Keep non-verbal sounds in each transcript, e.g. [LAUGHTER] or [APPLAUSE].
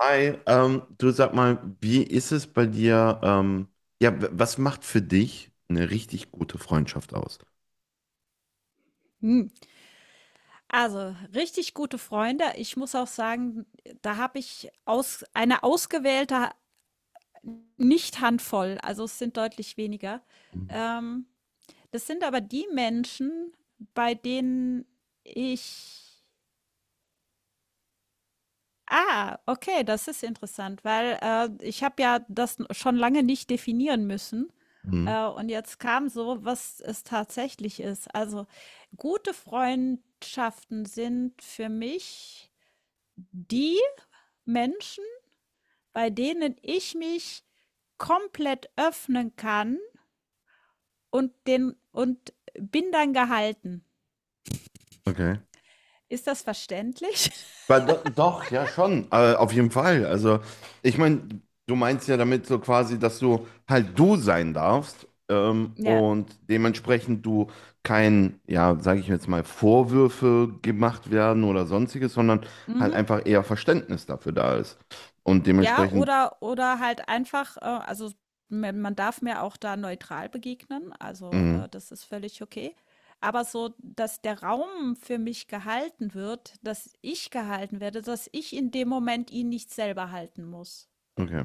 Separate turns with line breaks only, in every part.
Hi, du sag mal, wie ist es bei dir? Ja, was macht für dich eine richtig gute Freundschaft aus?
Hm, also, richtig gute Freunde. Ich muss auch sagen, da habe ich aus eine ausgewählte nicht Handvoll, also es sind deutlich weniger.
Mhm.
Ähm, Das sind aber die Menschen, bei denen ich ah, okay, das ist interessant, weil ich habe ja das schon lange nicht definieren müssen.
Mhm.
Und jetzt kam so, was es tatsächlich ist. Also, gute Freundschaften sind für mich die Menschen, bei denen ich mich komplett öffnen kann und den und bin dann gehalten.
Okay.
Ist das verständlich? [LAUGHS]
Weil doch, ja schon, auf jeden Fall. Also, ich meine, du meinst ja damit so quasi, dass du halt du sein darfst
Ja.
und dementsprechend du kein, ja, sage ich jetzt mal, Vorwürfe gemacht werden oder sonstiges, sondern halt
Mhm.
einfach eher Verständnis dafür da ist. Und
Ja,
dementsprechend,
oder halt einfach, also man darf mir auch da neutral begegnen, also
mhm,
das ist völlig okay. Aber so, dass der Raum für mich gehalten wird, dass ich gehalten werde, dass ich in dem Moment ihn nicht selber halten muss.
okay.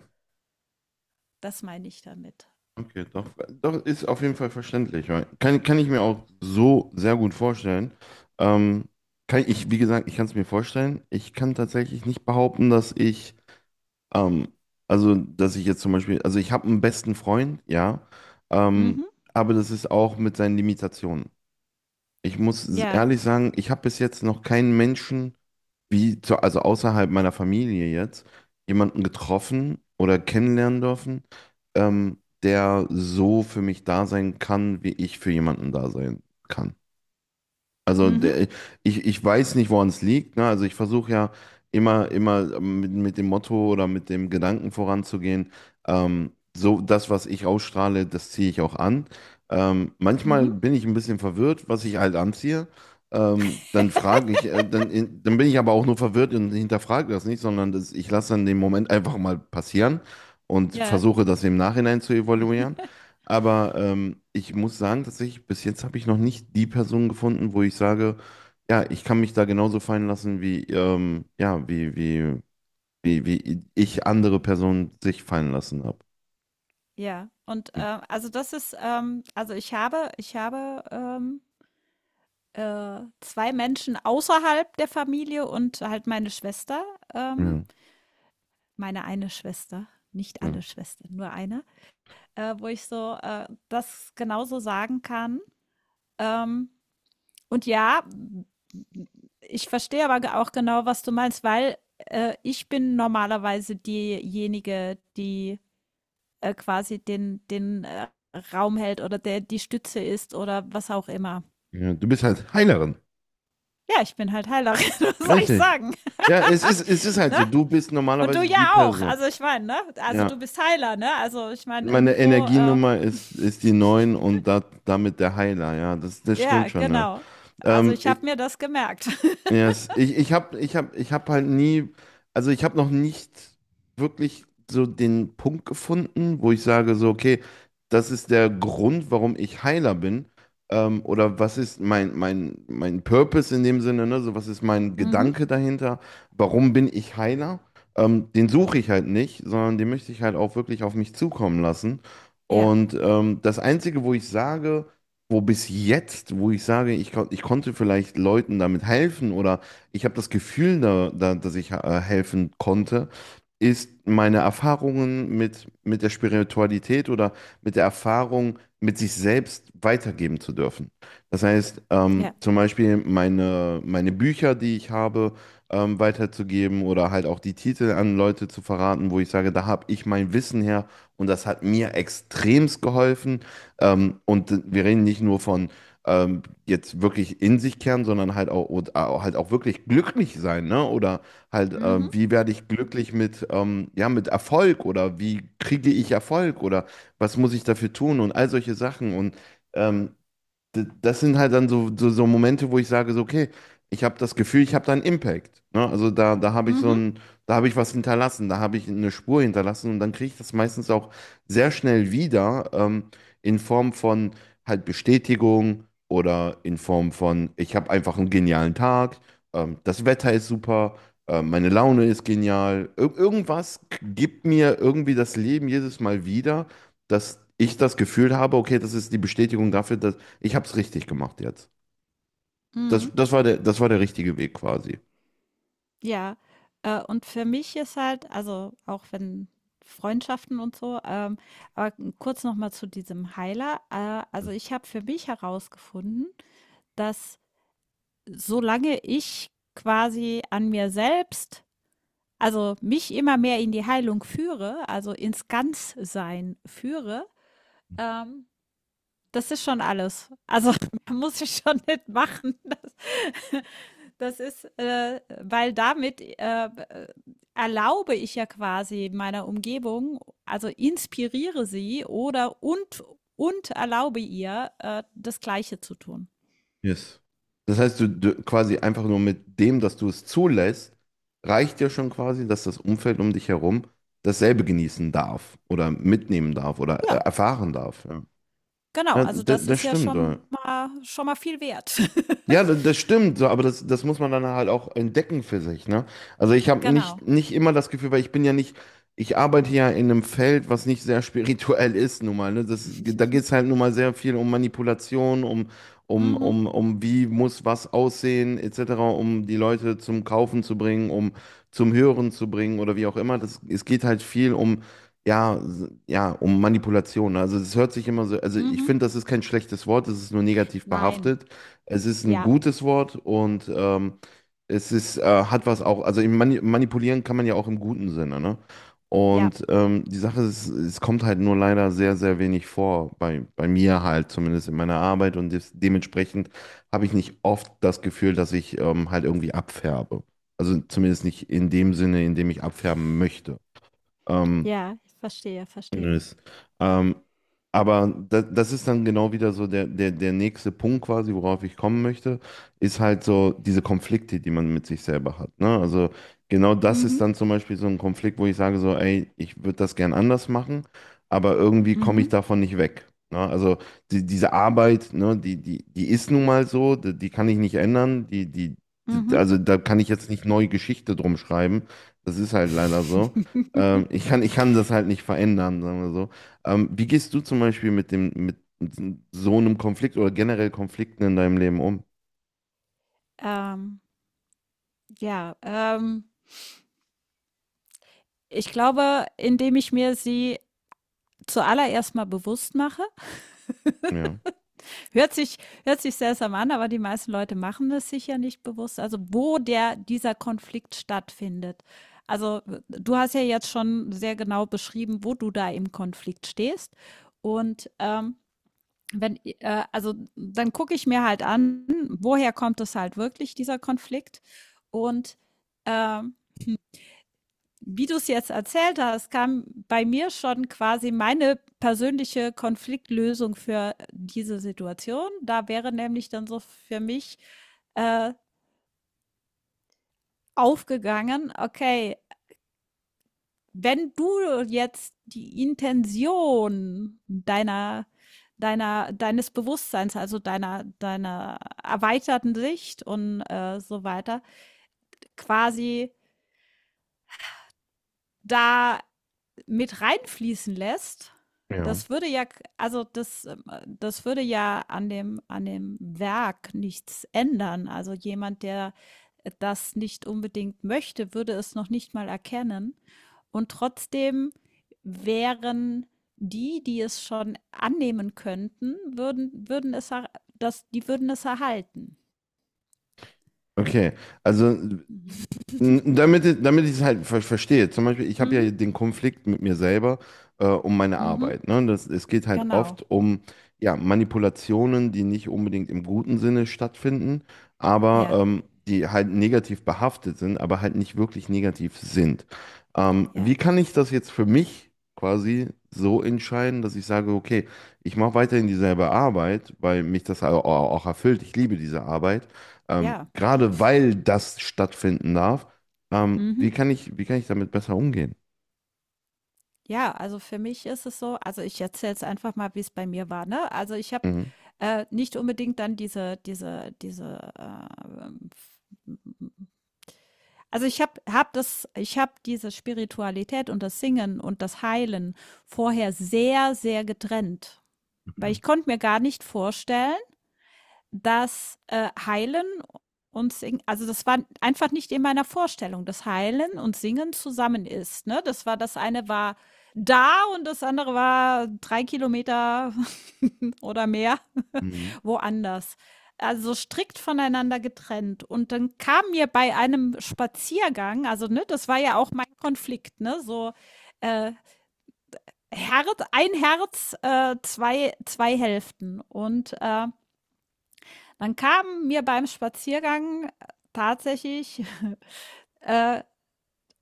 Das meine ich damit.
Okay, doch ist auf jeden Fall verständlich. Ja. Kann ich mir auch so sehr gut vorstellen. Ähm, kann ich, wie gesagt, ich kann es mir vorstellen. Ich kann tatsächlich nicht behaupten, dass ich, ähm, also, dass ich jetzt zum Beispiel, also ich habe einen besten Freund, ja, ähm,
Mhm.
aber das ist auch mit seinen Limitationen. Ich muss
Ja.
ehrlich sagen, ich habe bis jetzt noch keinen Menschen also außerhalb meiner Familie jetzt, jemanden getroffen oder kennenlernen dürfen, der so für mich da sein kann, wie ich für jemanden da sein kann. Also
Mhm.
der, ich weiß nicht, woran es liegt. Ne? Also ich versuche ja immer mit dem Motto oder mit dem Gedanken voranzugehen. So das, was ich ausstrahle, das ziehe ich auch an. Manchmal
Mhm.
bin ich ein bisschen verwirrt, was ich halt anziehe. Dann frage ich, dann bin ich aber auch nur verwirrt und hinterfrage das nicht, sondern das, ich lasse dann den Moment einfach mal passieren und
Ja,
versuche das im Nachhinein zu evaluieren. Aber ich muss sagen, tatsächlich, bis jetzt habe ich noch nicht die Person gefunden, wo ich sage, ja, ich kann mich da genauso fallen lassen, wie, ja, wie ich andere Personen sich fallen lassen habe.
ja. Und, also, das ist, also, ich habe, 2 Menschen außerhalb der Familie und halt meine Schwester, ähm
Ja,
meine eine Schwester, nicht
ja,
alle Schwestern, nur eine, wo ich so, das genauso sagen kann. Ähm, und ja, ich verstehe aber ge auch genau, was du meinst, weil, ich bin normalerweise diejenige, die quasi den Raum hält oder der die Stütze ist oder was auch immer.
ja. Du bist halt Heilerin.
Ja, ich bin halt Heilerin, [LAUGHS] was soll ich
Richtig.
sagen?
Ja, es ist halt
Ne?
so. Du bist
Und du
normalerweise die
ja auch.
Person.
Also ich meine, ne? Also du
Ja.
bist Heiler, ne? Also ich meine,
Meine
irgendwo,
Energienummer ist die 9 und da, damit der Heiler. Ja, das
ja,
stimmt schon. Ja.
genau. Also ich
Ich,
habe mir das gemerkt. [LAUGHS]
Yes. Ich hab halt nie, also ich habe noch nicht wirklich so den Punkt gefunden, wo ich sage so, okay, das ist der Grund, warum ich Heiler bin. Oder was ist mein Purpose in dem Sinne, ne? So, was ist mein
Mhm.
Gedanke dahinter? Warum bin ich Heiler? Den suche ich halt nicht, sondern den möchte ich halt auch wirklich auf mich zukommen lassen.
Ja,
Und das Einzige, wo ich sage, wo bis jetzt, wo ich sage, ich konnte vielleicht Leuten damit helfen oder ich habe das Gefühl, da, dass ich helfen konnte, ist meine Erfahrungen mit der Spiritualität oder mit der Erfahrung, mit sich selbst weitergeben zu dürfen. Das heißt,
ja.
zum Beispiel meine Bücher, die ich habe, weiterzugeben oder halt auch die Titel an Leute zu verraten, wo ich sage, da habe ich mein Wissen her und das hat mir extremst geholfen. Und wir reden nicht nur von jetzt wirklich in sich kehren, sondern halt halt auch wirklich glücklich sein, ne? Oder halt,
Mhm.
wie werde ich glücklich mit, ja, mit Erfolg oder wie kriege ich Erfolg oder was muss ich dafür tun und all solche Sachen. Und ähm, das sind halt dann so Momente, wo ich sage, so, okay, ich habe das Gefühl, ich habe da einen Impact. Ne? Also da habe ich so
Mhm.
ein, da habe ich was hinterlassen, da habe ich eine Spur hinterlassen und dann kriege ich das meistens auch sehr schnell wieder, in Form von halt Bestätigung oder in Form von, ich habe einfach einen genialen Tag, das Wetter ist super. Meine Laune ist genial. Ir irgendwas gibt mir irgendwie das Leben jedes Mal wieder, dass ich das Gefühl habe, okay, das ist die Bestätigung dafür, dass ich habe es richtig gemacht jetzt. Das,
Mhm.
das war der, das war der richtige Weg quasi.
Ja, und für mich ist halt, also auch wenn Freundschaften und so, aber kurz noch mal zu diesem Heiler. Also ich habe für mich herausgefunden, dass solange ich quasi an mir selbst, also mich immer mehr in die Heilung führe, also ins Ganzsein führe, ähm, das ist schon alles. Also [LAUGHS] muss ich schon nicht machen. Das, [LAUGHS] das ist, weil damit erlaube ich ja quasi meiner Umgebung, also inspiriere sie oder und erlaube ihr, das Gleiche zu tun.
Yes. Das heißt, du quasi einfach nur mit dem, dass du es zulässt, reicht dir schon quasi, dass das Umfeld um dich herum dasselbe genießen darf oder mitnehmen darf oder
Ja,
erfahren darf. Ja,
genau.
ja
Also das
das
ist ja
stimmt. Ja.
schon mal viel wert.
Ja,
[LAUGHS]
das stimmt, so, aber das muss man dann halt auch entdecken für sich, ne? Also ich habe nicht,
Genau.
nicht immer das Gefühl, weil ich bin ja nicht, ich arbeite ja in einem Feld, was nicht sehr [LAUGHS] spirituell ist, nun mal, ne? Da geht es halt nun mal sehr viel um Manipulation, um, um,
Mhm.
um, um wie muss was aussehen, etc., um die Leute zum Kaufen zu bringen, um zum Hören zu bringen oder wie auch immer. Es geht halt viel um, ja, ja, um Manipulation. Also es hört sich immer so, also ich
Mhm.
finde, das ist kein schlechtes Wort, es ist nur negativ
Nein.
behaftet. Es ist ein
Ja,
gutes Wort und hat was auch, also im manipulieren kann man ja auch im guten Sinne, ne?
ja,
Und die Sache ist, es kommt halt nur leider sehr, sehr wenig vor, bei mir halt, zumindest in meiner Arbeit und dementsprechend habe ich nicht oft das Gefühl, dass ich halt irgendwie abfärbe. Also zumindest nicht in dem Sinne, in dem ich abfärben möchte. Ähm,
ja, ich verstehe, verstehe.
Nös. Ähm, aber das ist dann genau wieder so der nächste Punkt quasi, worauf ich kommen möchte, ist halt so diese Konflikte, die man mit sich selber hat. Ne? Also genau das ist
Mhm.
dann zum Beispiel so ein Konflikt, wo ich sage so, ey, ich würde das gern anders machen, aber irgendwie komme
Mhm.
ich davon nicht weg. Ne? Also diese Arbeit, ne, die ist nun mal so, die kann ich nicht ändern,
Mhm.
also da kann ich jetzt nicht neue Geschichte drum schreiben. Das ist halt leider so. Ähm, ich kann,
[LAUGHS]
ich kann das halt nicht verändern, sagen wir so. Wie gehst du zum Beispiel mit so einem Konflikt oder generell Konflikten in deinem Leben um?
Ähm, ja, ich glaube, indem ich mir sie zuallererst mal bewusst mache. [LAUGHS]
Ja,
Hört sich, hört sich seltsam an, aber die meisten Leute machen es sich ja nicht bewusst. Also, wo der, dieser Konflikt stattfindet. Also, du hast ja jetzt schon sehr genau beschrieben, wo du da im Konflikt stehst. Und wenn, also dann gucke ich mir halt an, woher kommt es halt wirklich, dieser Konflikt. Und ähm, wie du es jetzt erzählt hast, kam bei mir schon quasi meine persönliche Konfliktlösung für diese Situation. Da wäre nämlich dann so für mich äh, aufgegangen, okay, wenn du jetzt die Intention deines Bewusstseins, also deiner erweiterten Sicht und so weiter, quasi da mit reinfließen lässt,
ja.
das würde ja, also das, das würde ja an dem Werk nichts ändern. Also jemand, der das nicht unbedingt möchte, würde es noch nicht mal erkennen. Und trotzdem wären die, die es schon annehmen könnten, die würden es erhalten.
Okay, also
Mhm.
Damit ich es halt verstehe. Zum Beispiel, ich habe
Mhm.
ja den Konflikt mit mir selber um meine
Mhm.
Arbeit. Ne? Es geht halt
Genau.
oft um ja, Manipulationen, die nicht unbedingt im guten Sinne stattfinden, aber
Ja,
die halt negativ behaftet sind, aber halt nicht wirklich negativ sind. Ähm,
ja,
wie kann ich das jetzt für mich quasi so entscheiden, dass ich sage, okay, ich mache weiterhin dieselbe Arbeit, weil mich das auch erfüllt. Ich liebe diese Arbeit. Ähm,
ja.
gerade weil das stattfinden darf. Ähm,
Mhm.
wie kann ich, wie kann ich damit besser umgehen?
Ja, also für mich ist es so, also ich erzähle jetzt einfach mal, wie es bei mir war, ne? Also, ich habe,
Mhm.
nicht unbedingt dann also ich habe diese Spiritualität und das Singen und das Heilen vorher sehr, sehr getrennt, weil
Okay.
ich konnte mir gar nicht vorstellen, das, Heilen und Singen, also das war einfach nicht in meiner Vorstellung, dass Heilen und Singen zusammen ist, ne? Das war das eine war da und das andere war 3 km [LAUGHS] oder mehr
Mhm.
[LAUGHS] woanders. Also strikt voneinander getrennt. Und dann kam mir bei einem Spaziergang, also, ne, das war ja auch mein Konflikt, ne, so, äh, Herz, ein Herz, zwei Hälften und, dann kam mir beim Spaziergang tatsächlich [LAUGHS] äh,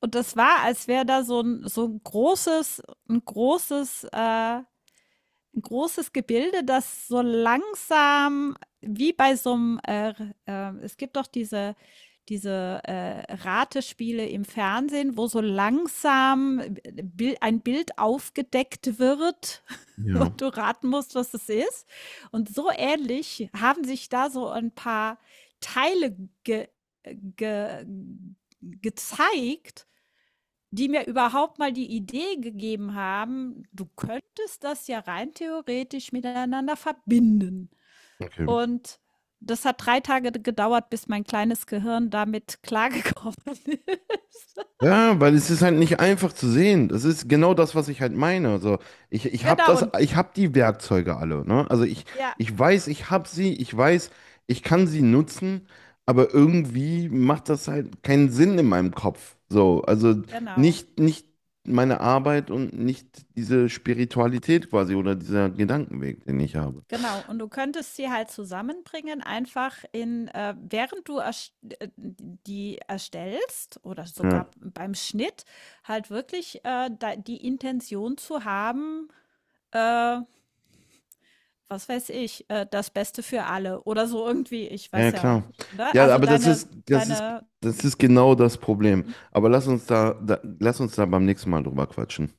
und das war, als wäre da so ein, so ein großes, ein großes 'n großes Gebilde, das so langsam, wie bei so einem, es gibt doch diese Ratespiele im Fernsehen, wo so langsam ein Bild aufgedeckt wird [LAUGHS] und
Ja,
du raten musst, was es ist. Und so ähnlich haben sich da so ein paar Teile ge ge gezeigt, die mir überhaupt mal die Idee gegeben haben, du könntest das ja rein theoretisch miteinander verbinden.
okay.
Und das hat 3 Tage gedauert, bis mein kleines Gehirn damit klargekommen ist. [LAUGHS]
Ja, weil es ist halt nicht einfach zu sehen. Das ist genau das, was ich halt meine. Also ich habe
Genau
das,
und
ich habe die Werkzeuge alle, ne? Also ich,
ja,
ich weiß, ich habe sie, ich weiß, ich kann sie nutzen, aber irgendwie macht das halt keinen Sinn in meinem Kopf. So, also
genau,
nicht meine Arbeit und nicht diese Spiritualität quasi oder dieser Gedankenweg, den ich habe.
genau. Und du könntest sie halt zusammenbringen, einfach in während du erst die erstellst oder sogar
Ja.
beim Schnitt halt wirklich, da die Intention zu haben, äh, was weiß ich, das Beste für alle oder so irgendwie, ich
Ja, ja,
weiß ja,
klar.
ne?
Ja,
Also
aber das
deine
ist, das ist,
deine
das ist genau das Problem. Aber lass uns da beim nächsten Mal drüber quatschen.